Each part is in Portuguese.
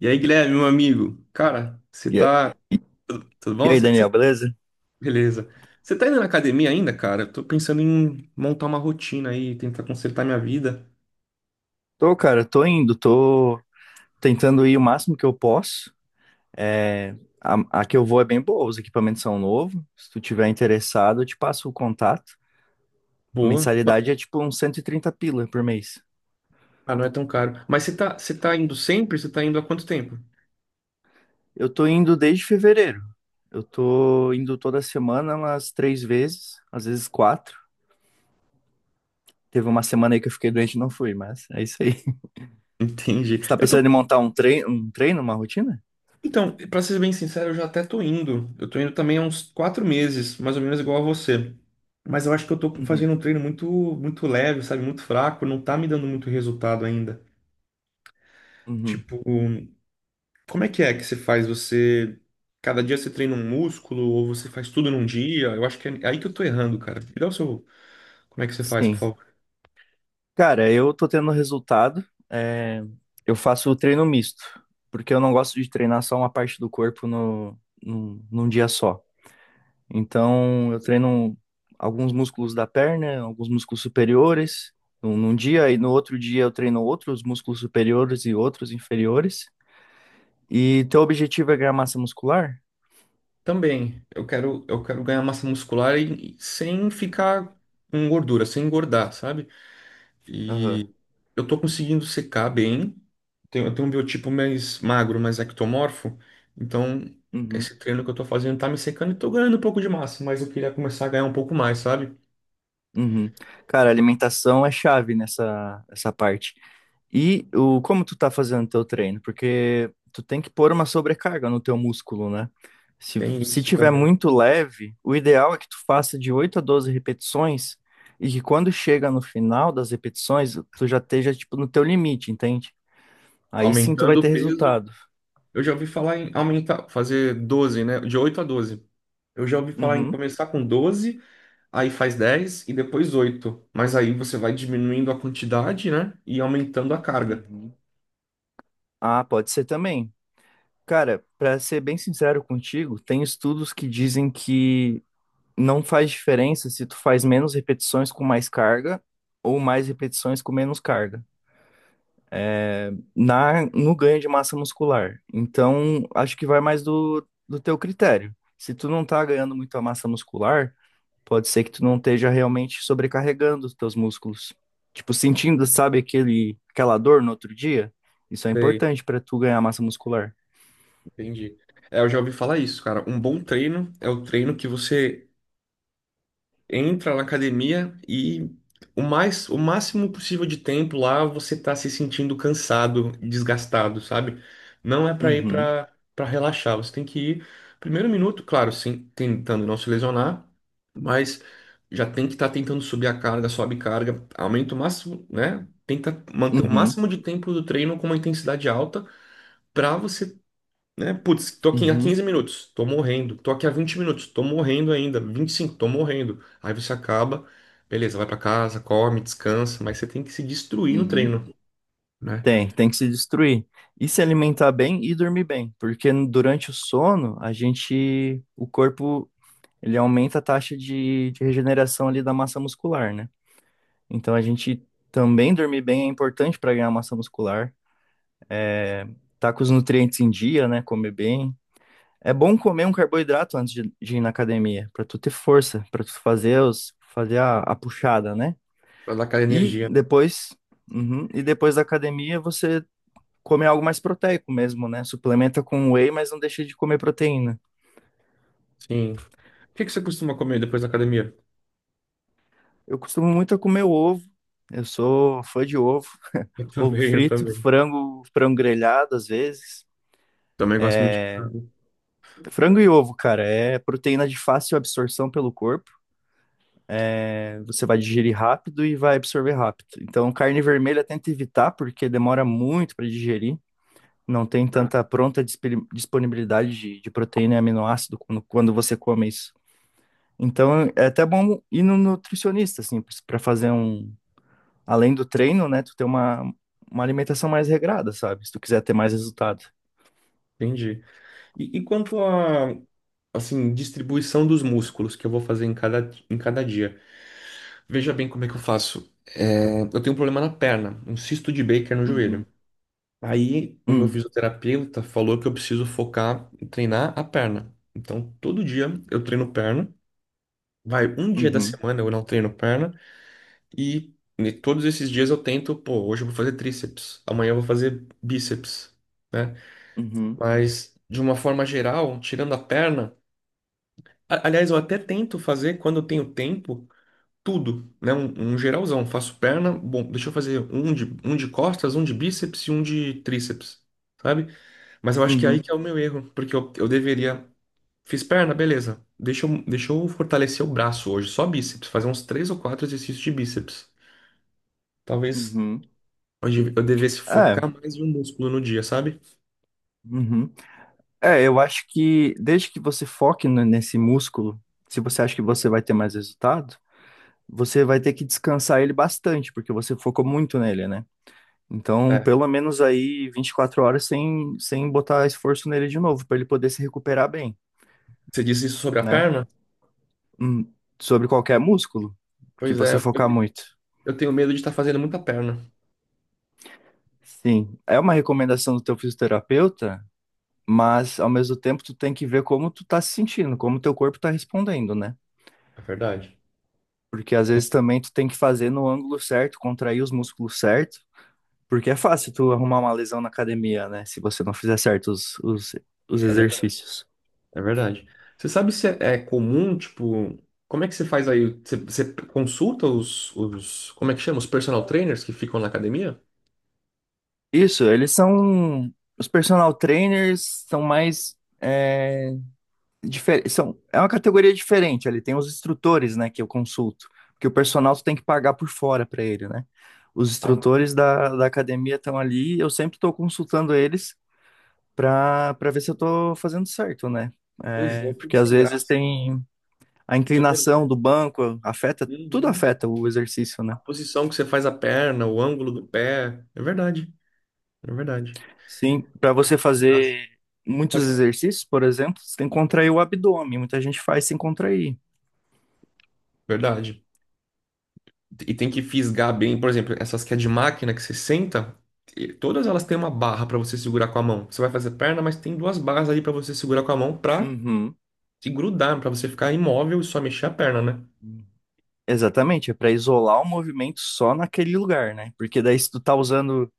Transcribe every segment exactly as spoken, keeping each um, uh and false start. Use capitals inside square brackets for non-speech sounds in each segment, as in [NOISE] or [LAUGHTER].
E aí, Guilherme, meu amigo, cara, você E a- tá. e- Tudo tudo e bom? aí, Cê- cê- Daniel, beleza? Beleza. Você tá indo na academia ainda, cara? Eu tô pensando em montar uma rotina aí, tentar consertar minha vida. Tô, cara, tô indo, tô tentando ir o máximo que eu posso. É, a, a que eu vou é bem boa, os equipamentos são novos. Se tu tiver interessado, eu te passo o contato. A Boa. Ma- mensalidade é tipo uns cento e trinta pila por mês. Ah, não é tão caro. Mas você tá, você tá indo sempre? Você tá indo há quanto tempo? [LAUGHS] Eu tô indo desde fevereiro. Eu tô indo toda semana umas três vezes, às vezes quatro. Teve uma semana aí que eu fiquei doente e não fui, mas é isso aí. [LAUGHS] Entendi. Você tá Eu tô. pensando em montar um treino, um treino, uma rotina? Então, pra ser bem sincero, eu já até tô indo. Eu tô indo também há uns quatro meses, mais ou menos igual a você. Mas eu acho que eu tô Uhum, fazendo um treino muito, muito leve, sabe? Muito fraco, não tá me dando muito resultado ainda. uhum. Tipo. Como é que é que você faz? Você. Cada dia você treina um músculo ou você faz tudo num dia? Eu acho que é aí que eu tô errando, Uhum. cara. Me dá o seu. Como é que você faz, por Sim. favor? Cara, eu tô tendo resultado. é, eu faço o treino misto, porque eu não gosto de treinar só uma parte do corpo no, num, num dia só. Então, eu treino alguns músculos da perna, alguns músculos superiores num, num dia, e no outro dia eu treino outros músculos superiores e outros inferiores. E teu objetivo é ganhar massa muscular? Também, eu quero, eu quero ganhar massa muscular e, e sem ficar com gordura, sem engordar, sabe? Aham. E eu tô conseguindo secar bem. Tenho- eu tenho um biotipo mais magro, mais ectomorfo. Então, Uhum. esse treino que eu tô fazendo tá me secando e tô ganhando um pouco de massa, mas eu queria começar a ganhar um pouco mais, sabe? Uhum. Cara, alimentação é chave nessa, nessa parte. E o, como tu tá fazendo teu treino? Porque tu tem que pôr uma sobrecarga no teu músculo, né? Se, Tem se isso tiver também. muito leve, o ideal é que tu faça de oito a doze repetições e que quando chega no final das repetições, tu já esteja, tipo, no teu limite, entende? Aí sim tu vai Aumentando ter o peso. resultado. Eu já ouvi falar em aumentar, fazer doze, né? De oito a doze. Eu já ouvi falar em Uhum. começar com doze, aí faz dez e depois oito. Mas aí você vai diminuindo a quantidade, né? E aumentando a carga. Uhum. Ah, pode ser também. Cara, pra ser bem sincero contigo, tem estudos que dizem que não faz diferença se tu faz menos repetições com mais carga ou mais repetições com menos carga na no ganho de massa muscular. Então, acho que vai mais do, do teu critério. Se tu não tá ganhando muita massa muscular, pode ser que tu não esteja realmente sobrecarregando os teus músculos. Tipo, sentindo, sabe, aquele, aquela dor no outro dia? Isso é Sei, importante para tu ganhar massa muscular. entendi. É, eu já ouvi falar isso, cara. Um bom treino é o treino que você entra na academia e o mais, o máximo possível de tempo lá você tá se sentindo cansado, desgastado, sabe? Não é para ir Uhum, para para relaxar, você tem que ir primeiro minuto, claro, sim, tentando não se lesionar, mas já tem que estar tentando subir a carga, sobe carga, aumenta o máximo, né? uhum. Tenta manter o Uhum, máximo de tempo do treino com uma intensidade alta para você, né? Putz, tô aqui há uhum, quinze minutos, tô morrendo. Tô aqui há vinte minutos, tô morrendo ainda. Vinte e cinco, tô morrendo. Aí você acaba, beleza, vai pra casa, come, descansa, mas você tem que se destruir no uhum. treino, né? Tem, tem que se destruir. E se alimentar bem e dormir bem, porque durante o sono, a gente, o corpo, ele aumenta a taxa de, de regeneração ali da massa muscular, né? Então a gente também dormir bem é importante para ganhar massa muscular, é, tá com os nutrientes em dia, né? Comer bem. É bom comer um carboidrato antes de, de ir na academia, para tu ter força, para tu fazer os, fazer a, a puxada, né? Pra dar aquela E energia, né? depois, uhum, e depois da academia você comer algo mais proteico mesmo, né? Suplementa com whey, mas não deixa de comer proteína. Sim. O que que você costuma comer depois da academia? [LAUGHS] Eu costumo muito a comer ovo. Eu sou fã de ovo, [LAUGHS] Eu ovo também, eu frito, também. frango, frango grelhado às vezes. Também gosto muito de carbo. Frango e ovo, cara, é proteína de fácil absorção pelo corpo. É, Você vai digerir rápido e vai absorver rápido. Então, carne vermelha tenta evitar porque demora muito para digerir. Não tem Tá, tanta pronta dispe- disponibilidade de, de proteína e aminoácido quando, quando você come isso. Então é até bom ir no nutricionista, assim, para fazer um. Além do treino, né? Tu ter uma, uma alimentação mais regrada, sabe? Se tu quiser ter mais resultado. entendi. E, e quanto à, assim, distribuição dos músculos que eu vou fazer em cada, em cada dia? Veja bem como é que eu faço. É, eu tenho um problema na perna, um cisto de Baker no joelho. Uhum. Aí o meu Hum. fisioterapeuta falou que eu preciso focar em treinar a perna. Então todo dia eu treino perna. Vai um dia da Uhum. semana eu não treino perna e ne- todos esses dias eu tento, pô, hoje eu vou fazer tríceps, amanhã eu vou fazer bíceps, né? Uhum. Mas de uma forma geral, tirando a perna, a- aliás, eu até tento fazer quando eu tenho tempo tudo, né? Um, um geralzão, faço perna, bom, deixa eu fazer um de um de costas, um de bíceps e um de tríceps, sabe? Mas eu acho que é aí Uhum. que é o meu erro, porque eu, eu deveria. Fiz perna, beleza. Deixa eu, deixa eu fortalecer o braço hoje, só bíceps, fazer uns três ou quatro exercícios de bíceps. Talvez Uhum. hoje eu devesse É. focar mais em um músculo no dia, sabe? Uhum. É, eu acho que desde que você foque no- nesse músculo, se você acha que você vai ter mais resultado, você vai ter que descansar ele bastante, porque você focou muito nele, né? Então, É. pelo menos aí vinte e quatro horas sem, sem botar esforço nele de novo, para ele poder se recuperar bem, Você disse isso sobre a né? perna? Hum, sobre qualquer músculo que Pois é, você eu, focar muito. eu tenho medo de estar fazendo muita perna. Sim, é uma recomendação do teu fisioterapeuta, mas ao mesmo tempo tu tem que ver como tu tá se sentindo, como teu corpo tá respondendo, né? É verdade. Porque às vezes também tu tem que fazer no ângulo certo, contrair os músculos certo, porque é fácil tu arrumar uma lesão na academia, né? Se você não fizer certo os, os, os É verdade. exercícios. É verdade. Você sabe se é, é comum, tipo, como é que você faz aí? Você, você consulta os, os, como é que chama? Os personal trainers que ficam na academia? Isso, eles são. Os personal trainers são mais. É, difer- são, é uma categoria diferente. Ele tem os instrutores, né, que eu consulto. Porque o personal tu tem que pagar por fora para ele, né? Os Ah, instrutores da, da academia estão ali. Eu sempre estou consultando eles para para ver se eu estou fazendo certo, né? pois é, É, eu fico porque às sem vezes graça. tem a Tenho inclinação vergonha. do banco, afeta, tudo Uhum. afeta o exercício, A né? posição que você faz a perna, o ângulo do pé. É verdade. É verdade. Sim, para Eu você fico sem graça. fazer Pode muitos falar. exercícios, por exemplo, você tem que contrair o abdômen. Muita gente faz sem contrair. Verdade. E tem que fisgar bem, por exemplo, essas que é de máquina que você senta, e todas elas têm uma barra para você segurar com a mão. Você vai fazer perna, mas tem duas barras ali para você segurar com a mão para Uhum. se grudar, para você ficar imóvel e só mexer a perna, né? Exatamente, é para isolar o movimento só naquele lugar, né? Porque daí se tu tá usando,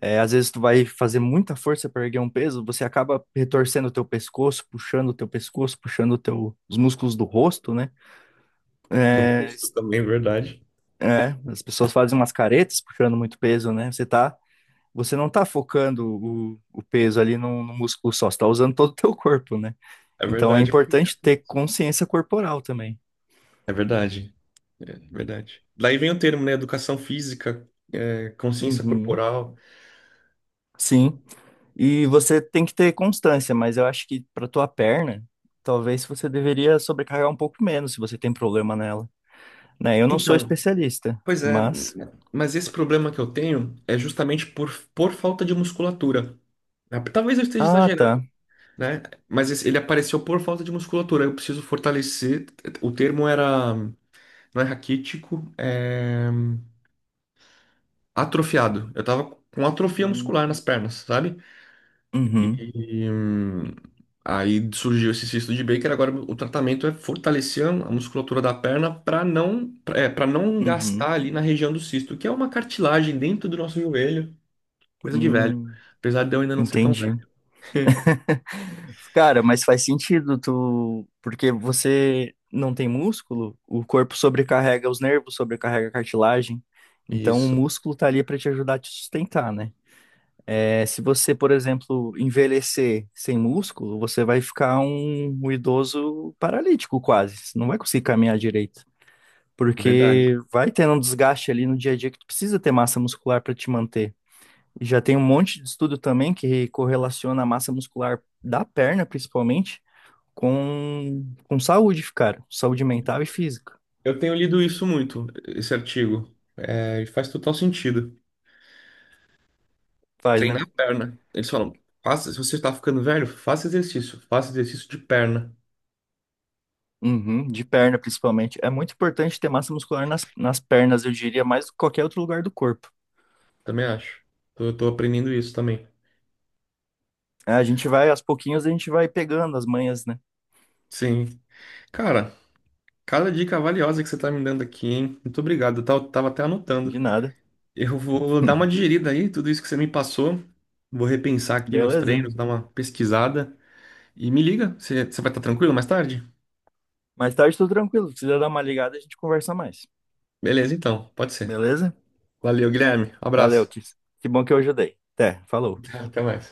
é, às vezes tu vai fazer muita força para erguer um peso, você acaba retorcendo o teu pescoço, puxando o teu pescoço, puxando o teu, os músculos do rosto, né? Do É, rosto s- também, é verdade. é, as pessoas fazem umas caretas puxando muito peso, né? Você tá você não está focando o, o peso ali no, no músculo só, você está usando todo o teu corpo, né? É Então é verdade. importante ter consciência corporal também. É verdade, é verdade. Daí vem o termo, né? Educação física, é, consciência Uhum. corporal. Sim. E você tem que ter constância, mas eu acho que para tua perna, talvez você deveria sobrecarregar um pouco menos se você tem problema nela, né? Eu não sou Então, especialista, pois é, mas mas esse problema que eu tenho é justamente por, por falta de musculatura. Ah, talvez eu esteja ah, exagerando, tá. né? Mas esse- ele apareceu por falta de musculatura. Eu preciso fortalecer. O termo era, não é raquítico, é atrofiado. Eu tava com atrofia muscular Hum. nas pernas, sabe? Uhum. E, hum, aí surgiu esse cisto de Baker. Agora o tratamento é fortalecer a musculatura da perna para não, para não gastar Uhum. ali na região do cisto, que é uma cartilagem dentro do nosso joelho. Coisa de velho. Hum. Apesar de eu ainda não ser tão Entendi. velho. Cara, mas faz sentido tu, porque você não tem músculo, o corpo sobrecarrega os nervos, sobrecarrega a cartilagem. Então o Isso, músculo tá ali pra te ajudar a te sustentar, né? É, se você, por exemplo, envelhecer sem músculo, você vai ficar um, um idoso paralítico quase. Você não vai conseguir caminhar direito, verdade. porque vai tendo um desgaste ali no dia a dia que tu precisa ter massa muscular pra te manter. E já tem um monte de estudo também que correlaciona a massa muscular da perna, principalmente com, com saúde, cara. Saúde mental e física. Eu tenho lido isso muito, esse artigo. É, e faz total sentido. Faz, né? Treinar a perna. Eles falam, faça, se você está ficando velho, faça exercício. Faça exercício de perna. Uhum, de perna, principalmente. É muito importante ter massa muscular nas, nas pernas, eu diria, mais do que qualquer outro lugar do corpo. Também acho. Tô, Eu tô aprendendo isso também. É, a gente vai, aos pouquinhos, a gente vai pegando as manhas, né? Sim. Cara, cada dica valiosa que você tá me dando aqui, hein? Muito obrigado. Eu tava, tava até De anotando. nada. [LAUGHS] Eu vou dar uma digerida aí, tudo isso que você me passou. Vou repensar aqui meus Beleza. treinos, dar uma pesquisada. E me liga, você, você vai estar tranquilo mais tarde? Mais tarde, tô tranquilo. Se quiser dar uma ligada, a gente conversa mais. Beleza, então, pode ser. Beleza? Valeu, Guilherme. Um Valeu, abraço. que, que bom que eu ajudei. Até, falou. [LAUGHS] Até mais.